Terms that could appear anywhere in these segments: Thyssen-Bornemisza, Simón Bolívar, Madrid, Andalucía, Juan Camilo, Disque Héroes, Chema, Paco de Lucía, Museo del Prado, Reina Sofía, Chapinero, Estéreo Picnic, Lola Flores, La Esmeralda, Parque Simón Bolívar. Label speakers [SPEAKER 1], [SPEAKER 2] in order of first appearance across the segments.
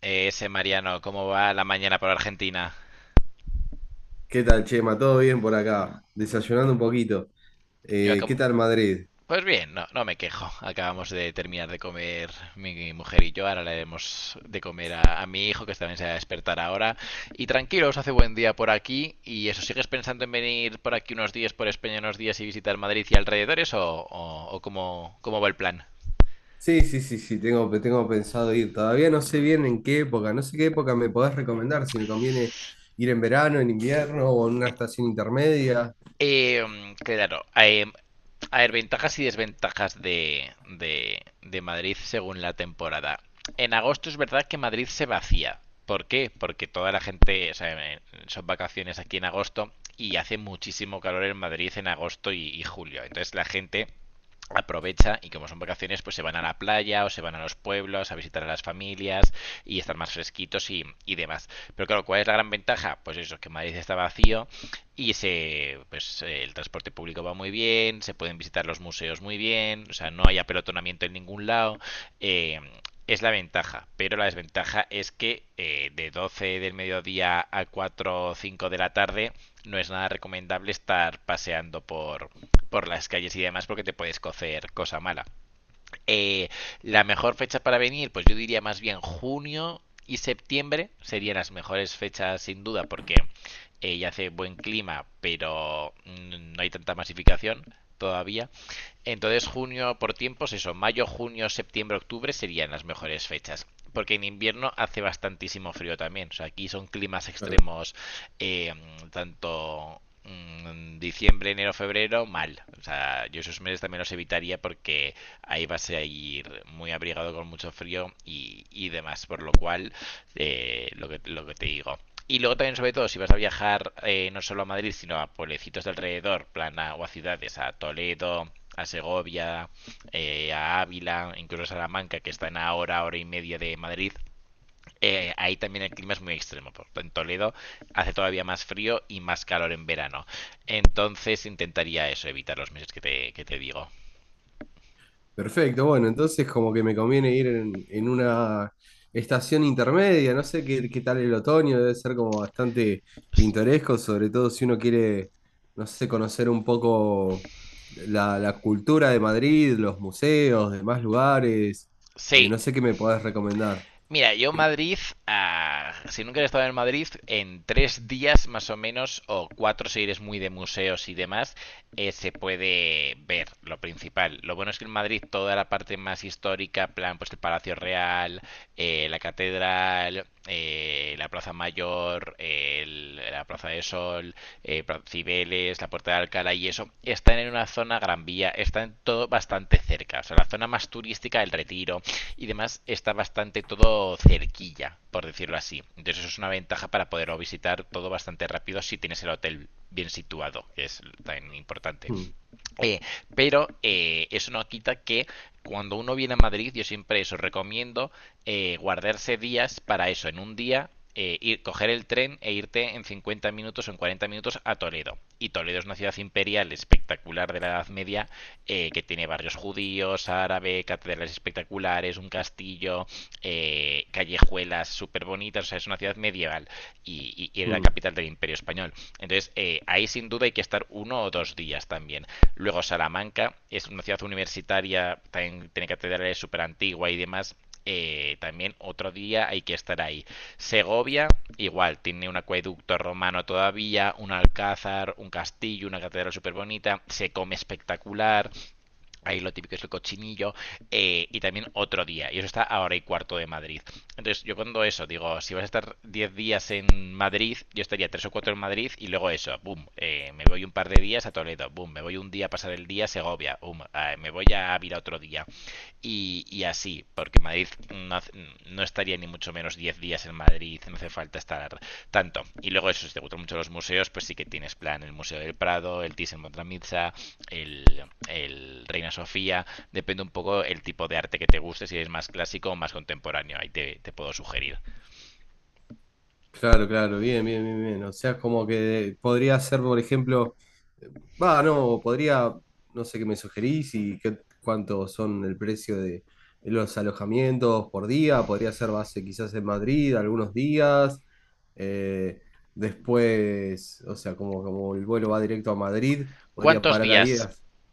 [SPEAKER 1] Ese Mariano, ¿cómo va la mañana por Argentina?
[SPEAKER 2] ¿Qué tal, Chema? ¿Todo bien por acá? Desayunando un poquito.
[SPEAKER 1] Yo
[SPEAKER 2] ¿Qué
[SPEAKER 1] acabo...
[SPEAKER 2] tal Madrid?
[SPEAKER 1] Pues bien, no, no me quejo. Acabamos de terminar de comer mi mujer y yo. Ahora le demos de comer a mi hijo, que también se va a despertar ahora. Y tranquilos, hace buen día por aquí. ¿Y eso sigues pensando en venir por aquí unos días, por España unos días y visitar Madrid y alrededores? ¿O cómo va el plan?
[SPEAKER 2] Sí, sí, sí, sí, tengo pensado ir. Todavía no sé bien en qué época. No sé qué época me podés recomendar, si me conviene ir en verano, en invierno o en una estación intermedia.
[SPEAKER 1] Eh, claro, a ver, ventajas y desventajas de Madrid según la temporada. En agosto es verdad que Madrid se vacía. ¿Por qué? Porque toda la gente, o sea, eh, son vacaciones aquí en agosto y hace muchísimo calor en Madrid en agosto y julio. Entonces la gente aprovecha y como son vacaciones, pues se van a la playa o se van a los pueblos a visitar a las familias y estar más fresquitos y demás. Pero claro, ¿cuál es la gran ventaja? Pues eso, que Madrid está vacío, y pues, el transporte público va muy bien, se pueden visitar los museos muy bien, o sea, no hay apelotonamiento en ningún lado. eh, es la ventaja, pero la desventaja es que de 12 del mediodía a 4 o 5 de la tarde no es nada recomendable estar paseando por las calles y demás porque te puedes cocer cosa mala. Eh, la mejor fecha para venir, pues yo diría más bien junio y septiembre serían las mejores fechas sin duda porque ya hace buen clima, pero no hay tanta masificación todavía. Entonces junio por tiempos, eso, mayo, junio, septiembre, octubre serían las mejores fechas. Porque en invierno hace bastantísimo frío también. O sea, aquí son climas extremos eh, tanto diciembre, enero, febrero, mal. O sea, yo esos meses también los evitaría porque ahí vas a ir muy abrigado con mucho frío y demás, por lo cual, lo que te digo. Y luego también, sobre todo, si vas a viajar no solo a Madrid, sino a pueblecitos de alrededor, plan o a ciudades, a Toledo, a Segovia, a Ávila, incluso a Salamanca, que están a hora, hora y media de Madrid, ahí también el clima es muy extremo. Por en Toledo hace todavía más frío y más calor en verano. Entonces intentaría eso, evitar los meses que te digo.
[SPEAKER 2] Perfecto, bueno, entonces como que me conviene ir en una estación intermedia, no sé qué, qué tal el otoño, debe ser como bastante pintoresco, sobre todo si uno quiere, no sé, conocer un poco la cultura de Madrid, los museos, demás lugares,
[SPEAKER 1] Sí,
[SPEAKER 2] no sé qué me podés recomendar.
[SPEAKER 1] mira, yo Madrid, ah, si nunca he estado en Madrid, en 3 días más o menos, o cuatro si eres muy de museos y demás, se puede ver lo principal. Lo bueno es que en Madrid toda la parte más histórica, plan, pues el Palacio Real, la Catedral, la Plaza Mayor, la Plaza de Sol, Cibeles, la Puerta de Alcalá y eso, están en una zona Gran Vía, están todo bastante cerca. O sea, la zona más turística, el Retiro, y demás está bastante todo cerquilla, por decirlo así. Entonces eso es una ventaja para poder visitar todo bastante rápido si tienes el hotel bien situado, que es tan importante.
[SPEAKER 2] Mm,
[SPEAKER 1] Eh, pero eso no quita que cuando uno viene a Madrid, yo siempre eso recomiendo guardarse días para eso. En un día, ir, coger el tren e irte en 50 minutos o en 40 minutos a Toledo. Y Toledo es una ciudad imperial espectacular de la Edad Media que tiene barrios judíos, árabe, catedrales espectaculares, un castillo, callejuelas súper bonitas. O sea, es una ciudad medieval y era la
[SPEAKER 2] mm.
[SPEAKER 1] capital del Imperio Español. Entonces, ahí sin duda hay que estar 1 o 2 días también. Luego Salamanca es una ciudad universitaria, también tiene catedrales súper antigua y demás. También otro día hay que estar ahí. Segovia, igual, tiene un acueducto romano todavía, un alcázar, un castillo, una catedral súper bonita, se come espectacular. Ahí lo típico es el cochinillo y también otro día. Y eso está a hora y cuarto de Madrid. Entonces, yo cuando eso, digo, si vas a estar 10 días en Madrid, yo estaría 3 o 4 en Madrid y luego eso, boom, me voy un par de días a Toledo, boom, me voy un día a pasar el día a Segovia, boom, me voy a Ávila otro día. Y así, porque Madrid no, no estaría ni mucho menos 10 días en Madrid, no hace falta estar tanto. Y luego eso, si te gustan mucho los museos, pues sí que tienes plan el Museo del Prado, el Thyssen-Bornemisza, el, el Reina Sofía, depende un poco el tipo de arte que te guste, si es más clásico o más contemporáneo, ahí te puedo sugerir.
[SPEAKER 2] Claro, claro, bien, bien, bien, bien. O sea, como que podría ser, por ejemplo, eh, va, no, podría, no sé qué me sugerís y qué, cuánto son el precio de los alojamientos por día. Podría ser base quizás en Madrid algunos días. eh, después, o sea, como, como el vuelo va directo a Madrid, podría
[SPEAKER 1] ¿Cuántos
[SPEAKER 2] parar ahí.
[SPEAKER 1] días?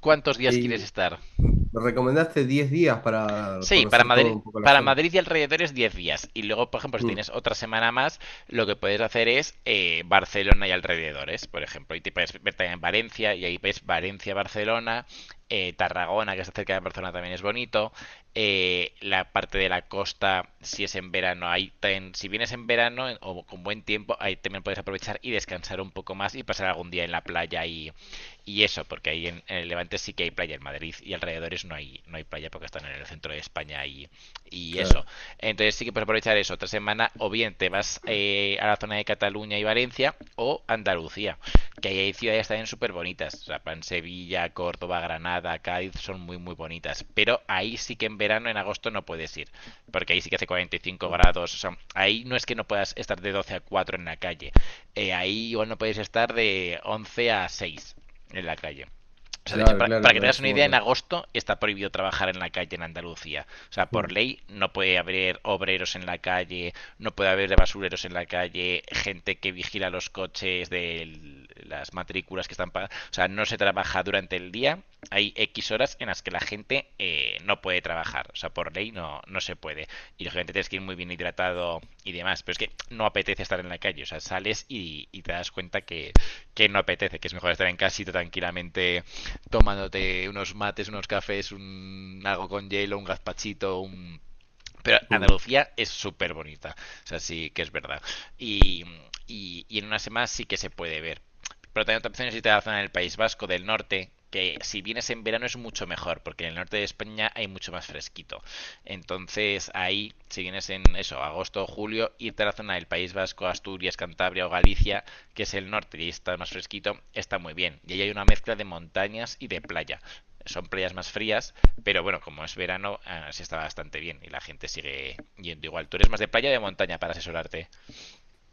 [SPEAKER 1] ¿Cuántos días quieres
[SPEAKER 2] Y
[SPEAKER 1] estar?
[SPEAKER 2] me recomendaste 10 días para
[SPEAKER 1] Sí, para
[SPEAKER 2] conocer todo
[SPEAKER 1] Madrid,
[SPEAKER 2] un poco la
[SPEAKER 1] para
[SPEAKER 2] zona.
[SPEAKER 1] Madrid y alrededores 10 días. Y luego, por ejemplo, si
[SPEAKER 2] Mm,
[SPEAKER 1] tienes otra semana más, lo que puedes hacer es Barcelona y alrededores, por ejemplo. Y te puedes ver también en Valencia, y ahí ves Valencia, Barcelona, Tarragona, que está cerca de Barcelona, también es bonito. La parte de la costa, si es en verano, si vienes en verano o con buen tiempo, ahí también puedes aprovechar y descansar un poco más y pasar algún día en la playa y eso, porque ahí en el Levante sí que hay playa, en Madrid y alrededores no hay playa porque están en el centro de España y eso.
[SPEAKER 2] claro,
[SPEAKER 1] Entonces sí que puedes aprovechar eso otra semana o bien te vas a la zona de Cataluña y Valencia o Andalucía, que ahí hay ciudades también súper bonitas. O sea, en Sevilla, Córdoba, Granada, Cádiz son muy muy bonitas. Pero ahí sí que en verano, en agosto no puedes ir, porque ahí sí que hace 45 grados. O sea, ahí no es que no puedas estar de 12 a 4 en la calle, ahí igual no podéis estar de 11 a 6 en la calle. O sea, de hecho,
[SPEAKER 2] claro,
[SPEAKER 1] para,
[SPEAKER 2] claro,
[SPEAKER 1] para que
[SPEAKER 2] claro,
[SPEAKER 1] tengas
[SPEAKER 2] es
[SPEAKER 1] una
[SPEAKER 2] un
[SPEAKER 1] idea, en
[SPEAKER 2] montón.
[SPEAKER 1] agosto está prohibido trabajar en la calle en Andalucía. O sea, por
[SPEAKER 2] Mm,
[SPEAKER 1] ley no puede haber obreros en la calle, no puede haber basureros en la calle, gente que vigila los coches de las matrículas que están pagadas. O sea, no se trabaja durante el día. Hay X horas en las que la gente no puede trabajar. O sea, por ley no, no se puede. Y lógicamente tienes que ir muy bien hidratado y demás. Pero es que no apetece estar en la calle. O sea, sales y te das cuenta que no apetece, que es mejor estar en casita tranquilamente tomándote unos mates, unos cafés, algo con hielo, un gazpachito. Pero
[SPEAKER 2] mm.
[SPEAKER 1] Andalucía es súper bonita. O sea, sí que es verdad. Y, y en una semana sí que se puede ver. Pero también otra opción es irte a la zona del País Vasco, del norte, que si vienes en verano es mucho mejor, porque en el norte de España hay mucho más fresquito. Entonces ahí, si vienes en eso, agosto o julio, irte a la zona del País Vasco, Asturias, Cantabria o Galicia, que es el norte y está más fresquito, está muy bien. Y ahí hay una mezcla de montañas y de playa. Son playas más frías, pero bueno, como es verano, sí está bastante bien y la gente sigue yendo igual. Tú eres más de playa o de montaña para asesorarte.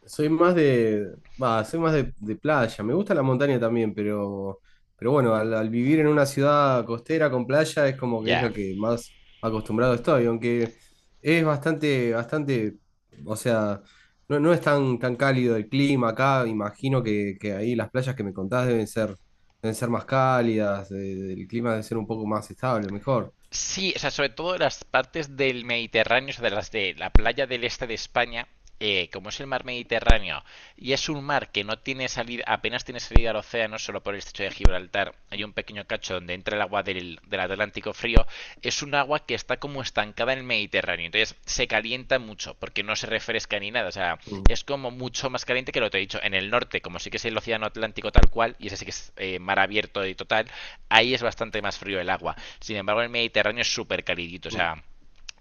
[SPEAKER 2] Soy más de, va, soy más de playa. Me gusta la montaña también, pero bueno, al, al vivir en una ciudad costera con playa es como que es lo
[SPEAKER 1] Ya.
[SPEAKER 2] que más acostumbrado estoy, aunque es bastante, bastante, o sea, no, no es tan, tan cálido el clima acá. Imagino que ahí las playas que me contás deben ser más cálidas, el clima debe ser un poco más estable, mejor.
[SPEAKER 1] Sí, o sea, sobre todo las partes del Mediterráneo, o sea, de las de la playa del este de España, como es el mar Mediterráneo y es un mar que no tiene salida, apenas tiene salida al océano, solo por el estrecho de Gibraltar, hay un pequeño cacho donde entra el agua del Atlántico frío, es un agua que está como estancada en el Mediterráneo, entonces se calienta mucho porque no se refresca ni nada, o sea,
[SPEAKER 2] Mm,
[SPEAKER 1] es como mucho más caliente que lo que te he dicho. En el norte, como sí que es el océano Atlántico tal cual, y ese sí que es mar abierto y total, ahí es bastante más frío el agua. Sin embargo, el Mediterráneo es súper calidito, o
[SPEAKER 2] mm.
[SPEAKER 1] sea,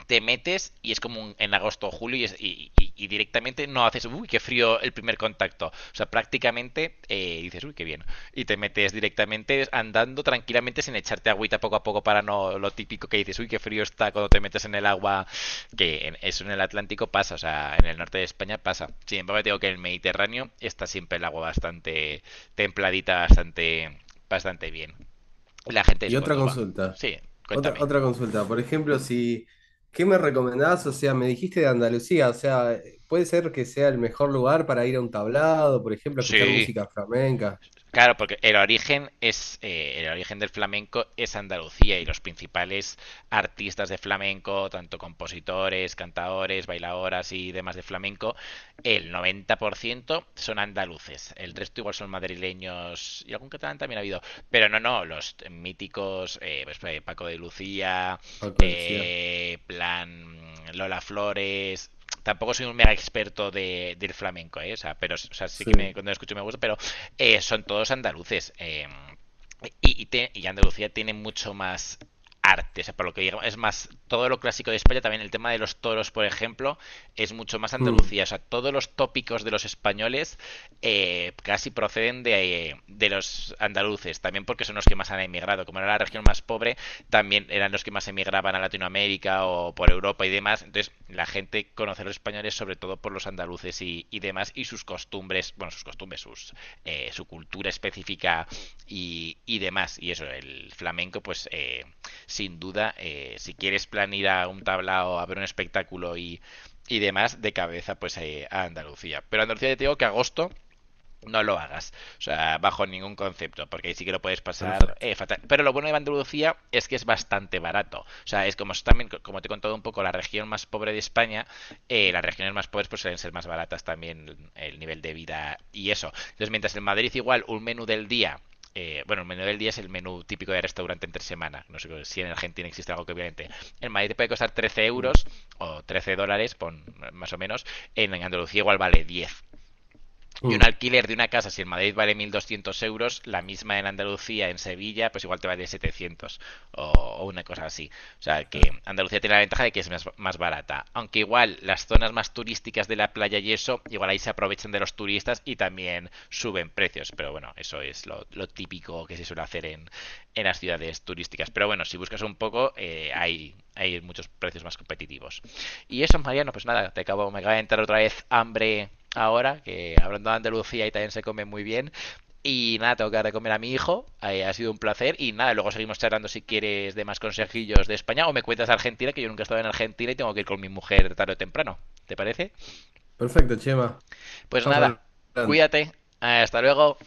[SPEAKER 1] te metes y es como en agosto o julio y directamente no haces, uy, qué frío el primer contacto. O sea, prácticamente dices, uy, qué bien. Y te metes directamente andando tranquilamente sin echarte agüita poco a poco para no lo típico que dices, uy, qué frío está cuando te metes en el agua, eso en el Atlántico pasa, o sea, en el norte de España pasa. Sin embargo, te digo que en el Mediterráneo está siempre el agua bastante templadita, bastante, bastante bien. La gente
[SPEAKER 2] Y
[SPEAKER 1] es
[SPEAKER 2] otra
[SPEAKER 1] cuando va.
[SPEAKER 2] consulta.
[SPEAKER 1] Sí,
[SPEAKER 2] Otra,
[SPEAKER 1] cuéntame.
[SPEAKER 2] otra consulta, por ejemplo, si, ¿qué me recomendás? O sea, me dijiste de Andalucía, o sea, puede ser que sea el mejor lugar para ir a un tablado, por ejemplo, a escuchar
[SPEAKER 1] Sí,
[SPEAKER 2] música flamenca.
[SPEAKER 1] claro, porque el origen del flamenco es Andalucía y los principales artistas de flamenco, tanto compositores, cantadores, bailadoras y demás de flamenco, el 90% son andaluces. El resto igual son madrileños y algún catalán también ha habido, pero no, no, los míticos Paco de Lucía,
[SPEAKER 2] Paco decía.
[SPEAKER 1] plan Lola Flores, tampoco soy un mega experto del flamenco, ¿eh? O sea, pero, o sea, sí que
[SPEAKER 2] Sí.
[SPEAKER 1] cuando lo escucho me gusta, pero son todos andaluces. Andalucía tiene mucho más arte, o sea, por lo que digo, es más, todo lo clásico de España, también el tema de los toros, por ejemplo, es mucho más
[SPEAKER 2] Mm,
[SPEAKER 1] Andalucía, o sea, todos los tópicos de los españoles casi proceden de los andaluces, también porque son los que más han emigrado, como era la región más pobre, también eran los que más emigraban a Latinoamérica o por Europa y demás. Entonces, la gente conoce a los españoles sobre todo por los andaluces y demás y sus costumbres, bueno, sus costumbres, su cultura específica y, demás. Y eso, el flamenco, pues sin duda, si quieres plan ir a un tablao, a ver un espectáculo y demás, de cabeza, pues a Andalucía. Pero Andalucía, te digo que agosto no lo hagas. O sea, bajo ningún concepto, porque ahí sí que lo puedes pasar
[SPEAKER 2] perfecto.
[SPEAKER 1] fatal. Pero lo bueno de Andalucía es que es bastante barato. O sea, es como también, como te he contado un poco, la región más pobre de España, las regiones más pobres pues suelen ser más baratas también el nivel de vida y eso. Entonces, mientras en Madrid igual un menú del día bueno, el menú del día es el menú típico de restaurante entre semana. No sé si en Argentina existe algo que obviamente. En Madrid te puede costar 13
[SPEAKER 2] Mm,
[SPEAKER 1] euros o $13, pon, más o menos. En Andalucía igual vale 10. Y un
[SPEAKER 2] mm,
[SPEAKER 1] alquiler de una casa, si en Madrid vale 1.200 euros, la misma en Andalucía, en Sevilla, pues igual te vale 700 o una cosa así. O sea que
[SPEAKER 2] claro.
[SPEAKER 1] Andalucía tiene la ventaja de que es más barata. Aunque igual las zonas más turísticas de la playa y eso, igual ahí se aprovechan de los turistas y también suben precios. Pero bueno, eso es lo típico que se suele hacer en, las ciudades turísticas. Pero bueno, si buscas un poco, hay muchos precios más competitivos. Y eso, Mariano, pues nada, me acaba de entrar otra vez hambre ahora, que hablando de Andalucía y también se come muy bien. Y nada, tengo que dar de comer a mi hijo. Ha sido un placer. Y nada, luego seguimos charlando si quieres de más consejillos de España o me cuentas de Argentina, que yo nunca he estado en Argentina y tengo que ir con mi mujer tarde o temprano. ¿Te parece?
[SPEAKER 2] Perfecto, Chema.
[SPEAKER 1] Pues
[SPEAKER 2] Estamos
[SPEAKER 1] nada,
[SPEAKER 2] hablando.
[SPEAKER 1] cuídate. Hasta luego.